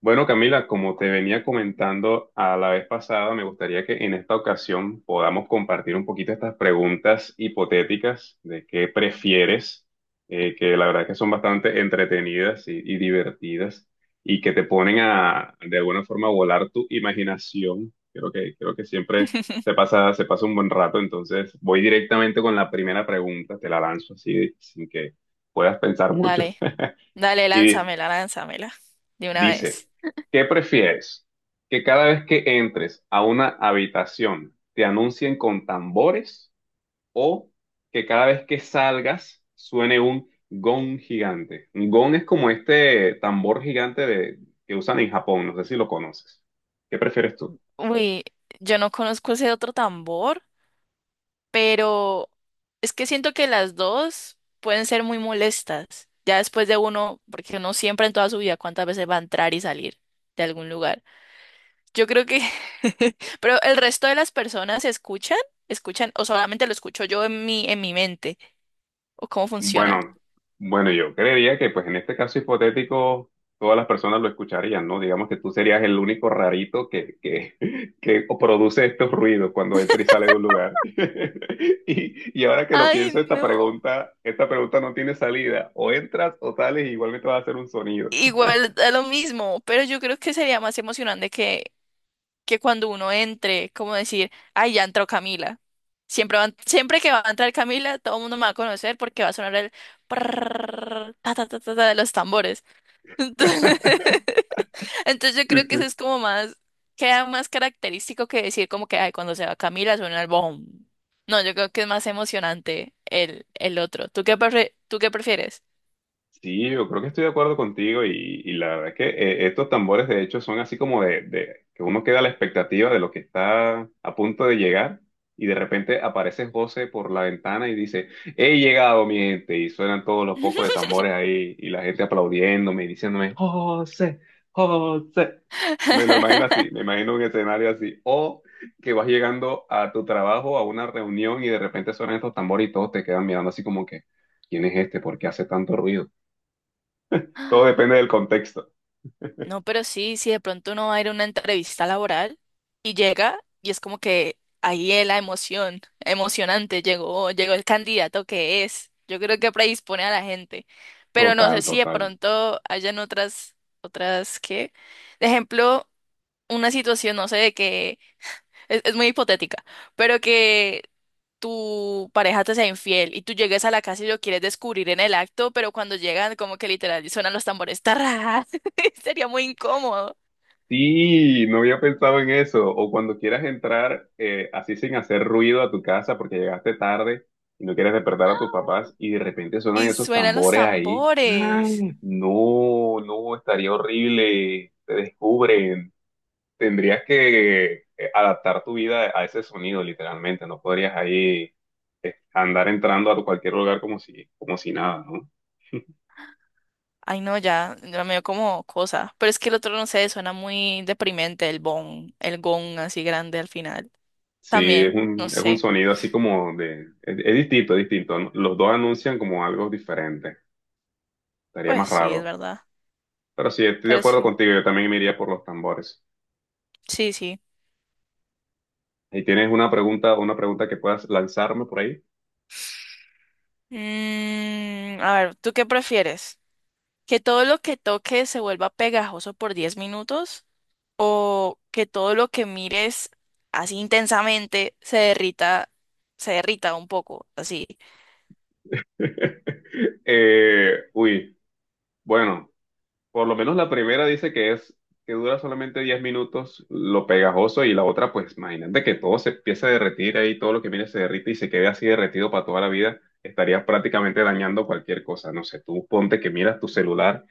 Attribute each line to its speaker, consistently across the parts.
Speaker 1: Bueno, Camila, como te venía comentando a la vez pasada, me gustaría que en esta ocasión podamos compartir un poquito estas preguntas hipotéticas de qué prefieres, que la verdad que son bastante entretenidas y divertidas y que te ponen a, de alguna forma, a volar tu imaginación. Creo que siempre se pasa, se pasa un buen rato, entonces voy directamente con la primera pregunta, te la lanzo así sin que puedas pensar mucho.
Speaker 2: Dale, dale,
Speaker 1: Y
Speaker 2: lánzamela, lánzamela de una
Speaker 1: Dice,
Speaker 2: vez.
Speaker 1: ¿qué prefieres? ¿Que cada vez que entres a una habitación te anuncien con tambores o que cada vez que salgas suene un gong gigante? Un gong es como este tambor gigante que usan en Japón, no sé si lo conoces. ¿Qué prefieres tú?
Speaker 2: Uy, yo no conozco ese otro tambor, pero es que siento que las dos pueden ser muy molestas, ya después de uno, porque uno siempre en toda su vida cuántas veces va a entrar y salir de algún lugar. Yo creo que, pero el resto de las personas escuchan, escuchan, o solamente lo escucho yo en en mi mente, o cómo funciona.
Speaker 1: Bueno, bueno, yo creería que pues en este caso hipotético todas las personas lo escucharían, ¿no? Digamos que tú serías el único rarito que produce estos ruidos cuando entra y sale de un lugar. Y ahora que lo pienso,
Speaker 2: Ay,
Speaker 1: esta
Speaker 2: no.
Speaker 1: pregunta, esta pregunta no tiene salida. O entras o sales y igualmente vas a hacer un sonido.
Speaker 2: Igual da lo mismo, pero yo creo que sería más emocionante que cuando uno entre, como decir, ay, ya entró Camila. Siempre que va a entrar Camila, todo el mundo me va a conocer porque va a sonar el prrrr, ta, ta, ta, ta, ta de los tambores. Entonces, entonces yo
Speaker 1: Sí,
Speaker 2: creo que eso
Speaker 1: sí.
Speaker 2: es como más, queda más característico que decir como que, ay, cuando se va Camila suena el boom. No, yo creo que es más emocionante el otro. ¿Tú qué, tú qué prefieres?
Speaker 1: Sí, yo creo que estoy de acuerdo contigo y la verdad es que estos tambores de hecho son así como de que uno queda a la expectativa de lo que está a punto de llegar y de repente aparece José por la ventana y dice, he llegado mi gente y suenan todos los pocos de tambores ahí y la gente aplaudiéndome y diciéndome, José, José. Me lo imagino así, me imagino un escenario así o que vas llegando a tu trabajo, a una reunión y de repente suenan estos tambores y todos te quedan mirando así como que, ¿quién es este? ¿Por qué hace tanto ruido? Todo depende del contexto.
Speaker 2: No, pero sí, si de pronto uno va a ir a una entrevista laboral y llega y es como que ahí es la emoción, emocionante, llegó el candidato que es. Yo creo que predispone a la gente, pero no sé
Speaker 1: Total,
Speaker 2: si de
Speaker 1: total.
Speaker 2: pronto hayan otras que, de ejemplo, una situación, no sé, de que es muy hipotética, pero que tu pareja te sea infiel y tú llegues a la casa y lo quieres descubrir en el acto, pero cuando llegan como que literal suenan los tambores, tarras, sería muy incómodo.
Speaker 1: Sí, no había pensado en eso. O cuando quieras entrar así sin hacer ruido a tu casa porque llegaste tarde y no quieres despertar a tus papás y de repente suenan
Speaker 2: Y
Speaker 1: esos
Speaker 2: suenan los
Speaker 1: tambores ahí.
Speaker 2: tambores.
Speaker 1: Ay, no, no, estaría horrible. Te descubren. Tendrías que adaptar tu vida a ese sonido, literalmente. No podrías ahí andar entrando a cualquier lugar como si nada, ¿no?
Speaker 2: Ay, no, ya me dio como cosa. Pero es que el otro, no sé, suena muy deprimente, el bon, el gong así grande al final.
Speaker 1: Sí, es
Speaker 2: También, no
Speaker 1: un, es un
Speaker 2: sé.
Speaker 1: sonido así como de... Es distinto, es distinto. Los dos anuncian como algo diferente. Estaría más
Speaker 2: Pues sí, es
Speaker 1: raro.
Speaker 2: verdad.
Speaker 1: Pero sí, estoy de
Speaker 2: Pero
Speaker 1: acuerdo
Speaker 2: sí,
Speaker 1: contigo. Yo también me iría por los tambores.
Speaker 2: sí, sí.
Speaker 1: ¿Y tienes una pregunta que puedas lanzarme por ahí?
Speaker 2: Mm, a ver, ¿tú qué prefieres? Que todo lo que toques se vuelva pegajoso por 10 minutos o que todo lo que mires así intensamente se derrita un poco, así.
Speaker 1: Uy, bueno, por lo menos la primera dice que es que dura solamente 10 minutos lo pegajoso y la otra, pues imagínate que todo se empieza a derretir ahí, todo lo que viene se derrite y se quede así derretido para toda la vida, estarías prácticamente dañando cualquier cosa. No sé, tú ponte que miras tu celular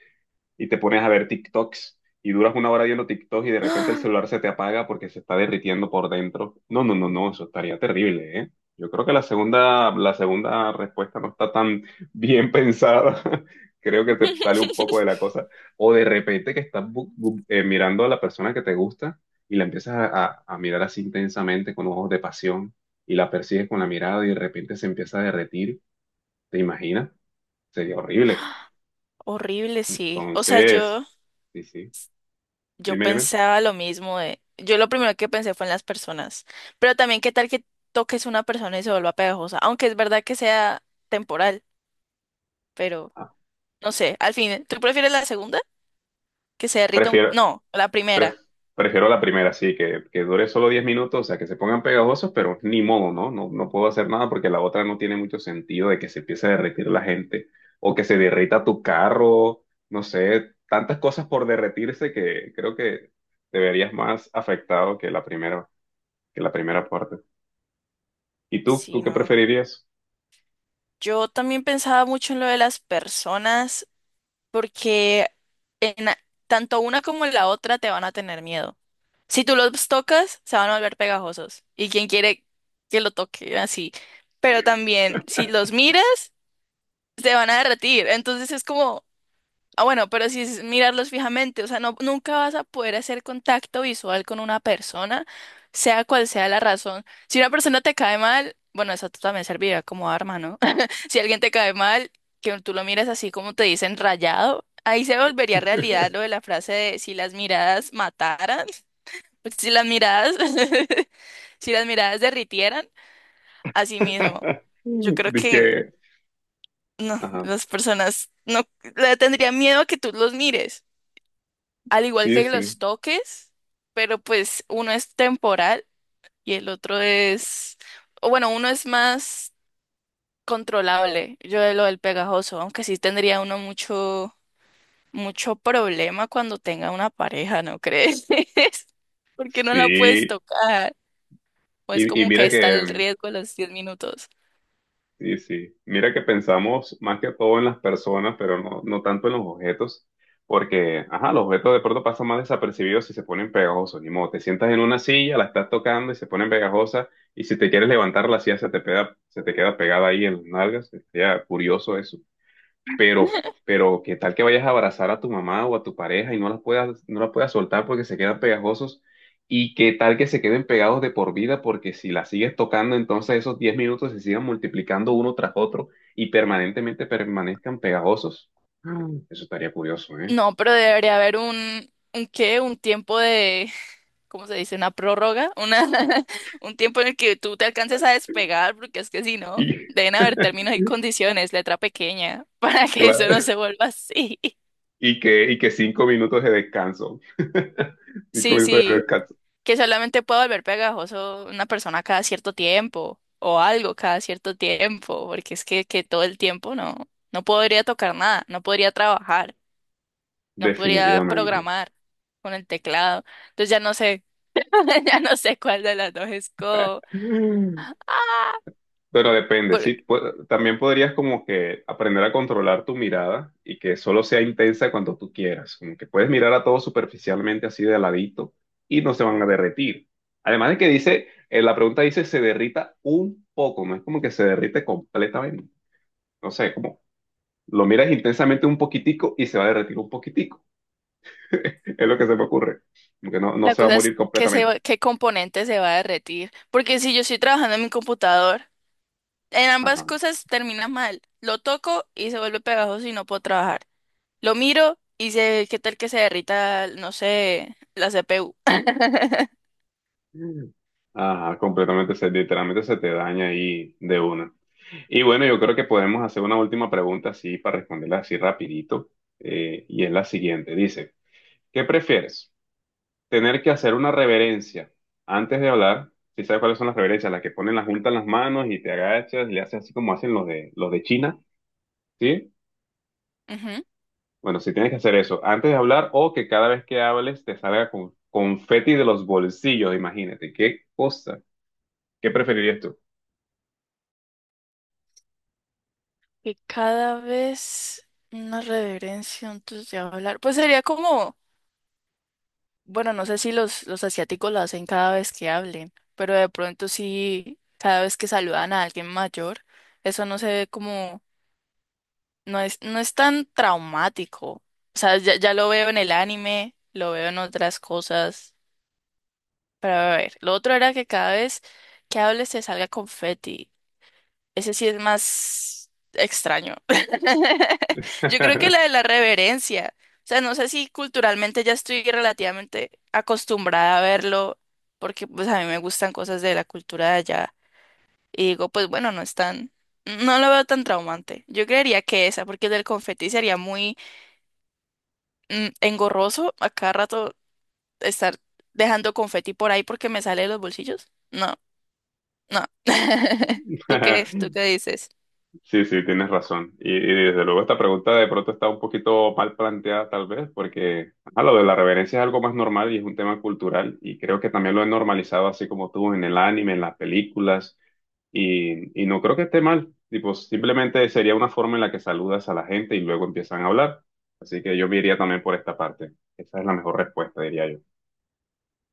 Speaker 1: y te pones a ver TikToks y duras 1 hora viendo TikToks y de repente el
Speaker 2: ¡Ah!
Speaker 1: celular se te apaga porque se está derritiendo por dentro. No, no, no, no, eso estaría terrible, ¿eh? Yo creo que la segunda respuesta no está tan bien pensada. Creo que te sale un poco de la cosa. O de repente que estás mirando a la persona que te gusta y la empiezas a mirar así intensamente con ojos de pasión y la persigues con la mirada y de repente se empieza a derretir. ¿Te imaginas? Sería horrible.
Speaker 2: Horrible, sí. O sea,
Speaker 1: Entonces,
Speaker 2: yo,
Speaker 1: sí, sí.
Speaker 2: yo
Speaker 1: Dime, dime.
Speaker 2: pensaba lo mismo de, yo lo primero que pensé fue en las personas, pero también qué tal que toques una persona y se vuelva pegajosa, aunque es verdad que sea temporal, pero
Speaker 1: Ah,
Speaker 2: no sé, al fin, ¿tú prefieres la segunda? Que se derrita un,
Speaker 1: Prefiero,
Speaker 2: no, la
Speaker 1: pref-
Speaker 2: primera.
Speaker 1: prefiero la primera, sí, que dure solo 10 minutos, o sea, que se pongan pegajosos, pero ni modo, ¿no? No, no puedo hacer nada porque la otra no tiene mucho sentido de que se empiece a derretir la gente o que se derrita tu carro, no sé, tantas cosas por derretirse que creo que te verías más afectado que que la primera parte. ¿Y tú? ¿Tú
Speaker 2: Sí,
Speaker 1: qué
Speaker 2: no.
Speaker 1: preferirías?
Speaker 2: Yo también pensaba mucho en lo de las personas porque en a- tanto una como la otra te van a tener miedo. Si tú los tocas, se van a volver pegajosos. ¿Y quién quiere que lo toque así? Pero también, si los miras, se van a derretir. Entonces es como, ah, bueno, pero si es mirarlos fijamente, o sea, no, nunca vas a poder hacer contacto visual con una persona, sea cual sea la razón. Si una persona te cae mal, bueno, eso también serviría como arma, ¿no? Si alguien te cae mal, que tú lo miras así como te dicen rayado, ahí se volvería realidad lo de la frase de si las miradas mataran, si las miradas, si las miradas derritieran, así mismo. Yo creo que
Speaker 1: Dije,
Speaker 2: no,
Speaker 1: ajá,
Speaker 2: las personas no le tendrían miedo a que tú los mires, al igual
Speaker 1: sí,
Speaker 2: que
Speaker 1: sí,
Speaker 2: los toques, pero pues uno es temporal y el otro es, o bueno, uno es más controlable, yo de lo del pegajoso, aunque sí tendría uno mucho, mucho problema cuando tenga una pareja, ¿no crees? Porque no la puedes
Speaker 1: sí.
Speaker 2: tocar, o es
Speaker 1: Y, y
Speaker 2: como que
Speaker 1: mira
Speaker 2: está el
Speaker 1: que,
Speaker 2: riesgo de los 10 minutos.
Speaker 1: Sí, sí. Mira que pensamos más que todo en las personas, pero no, no tanto en los objetos, porque, ajá, los objetos de pronto pasan más desapercibidos si se ponen pegajosos. Ni modo, te sientas en una silla, la estás tocando y se ponen pegajosas, y si te quieres levantar la silla se te pega, se te queda pegada ahí en las nalgas. Sería curioso eso. Pero, pero, ¿qué tal que vayas a abrazar a tu mamá o a tu pareja y no las puedas soltar porque se quedan pegajosos? ¿Y qué tal que se queden pegados de por vida? Porque si la sigues tocando, entonces esos 10 minutos se sigan multiplicando uno tras otro y permanentemente permanezcan pegajosos. Mm. Eso estaría curioso, ¿eh?
Speaker 2: No, pero debería haber un qué, un tiempo de ¿cómo se dice? Una prórroga, una, un tiempo en el que tú te alcances a despegar, porque es que si
Speaker 1: Y,
Speaker 2: no, deben haber términos y condiciones, letra pequeña, para que eso no
Speaker 1: claro,
Speaker 2: se vuelva así.
Speaker 1: y que 5 minutos de descanso. Cinco
Speaker 2: Sí,
Speaker 1: minutos de
Speaker 2: sí,
Speaker 1: descanso.
Speaker 2: que solamente pueda volver pegajoso una persona cada cierto tiempo, o algo cada cierto tiempo, porque es que todo el tiempo no, no podría tocar nada, no podría trabajar, no podría
Speaker 1: Definitivamente.
Speaker 2: programar con el teclado. Entonces ya no sé, ya no sé cuál de las dos es como.
Speaker 1: Mm. Pero depende, sí. También podrías como que aprender a controlar tu mirada y que solo sea intensa cuando tú quieras. Como que puedes mirar a todo superficialmente así de ladito y no se van a derretir. Además de que dice, la pregunta dice se derrita un poco, no es como que se derrite completamente. No sé, como lo miras intensamente un poquitico y se va a derretir un poquitico. Es lo que se me ocurre. Como que no, no
Speaker 2: La
Speaker 1: se va a
Speaker 2: cosa es
Speaker 1: morir
Speaker 2: que
Speaker 1: completamente.
Speaker 2: qué componente se va a derretir. Porque si yo estoy trabajando en mi computador, en ambas
Speaker 1: Ajá.
Speaker 2: cosas termina mal. Lo toco y se vuelve pegajoso y no puedo trabajar. Lo miro y sé qué tal que se derrita, no sé, la CPU.
Speaker 1: Ajá, completamente, se, literalmente se te daña ahí de una. Y bueno, yo creo que podemos hacer una última pregunta así para responderla así rapidito. Y es la siguiente. Dice, ¿qué prefieres? ¿Tener que hacer una reverencia antes de hablar? Si sabes cuáles son las reverencias, las que ponen la junta en las manos y te agachas y le haces así como hacen los de China, ¿sí?
Speaker 2: Ujú.
Speaker 1: Bueno, si tienes que hacer eso antes de hablar o que cada vez que hables te salga con confeti de los bolsillos, imagínate, qué cosa. ¿Qué preferirías tú?
Speaker 2: Que cada vez una reverencia antes de hablar. Pues sería como, bueno, no sé si los asiáticos lo hacen cada vez que hablen, pero de pronto sí, cada vez que saludan a alguien mayor, eso no se ve como no es, no es tan traumático. O sea, ya, ya lo veo en el anime, lo veo en otras cosas. Pero a ver, lo otro era que cada vez que hables te salga confeti. Ese sí es más extraño. Yo creo que la de la reverencia. O sea, no sé si culturalmente ya estoy relativamente acostumbrada a verlo, porque pues a mí me gustan cosas de la cultura de allá. Y digo, pues bueno, no es tan, no lo veo tan traumante. Yo creería que esa, porque el del confeti sería muy mm, engorroso a cada rato estar dejando confeti por ahí porque me sale de los bolsillos. No, no. Tú qué dices?
Speaker 1: Sí, sí, tienes razón. Y desde luego esta pregunta de pronto está un poquito mal planteada tal vez, porque ajá, lo de la reverencia es algo más normal y es un tema cultural y creo que también lo he normalizado así como tú en el anime, en las películas y no creo que esté mal. Tipo, simplemente sería una forma en la que saludas a la gente y luego empiezan a hablar. Así que yo me iría también por esta parte. Esa es la mejor respuesta, diría yo.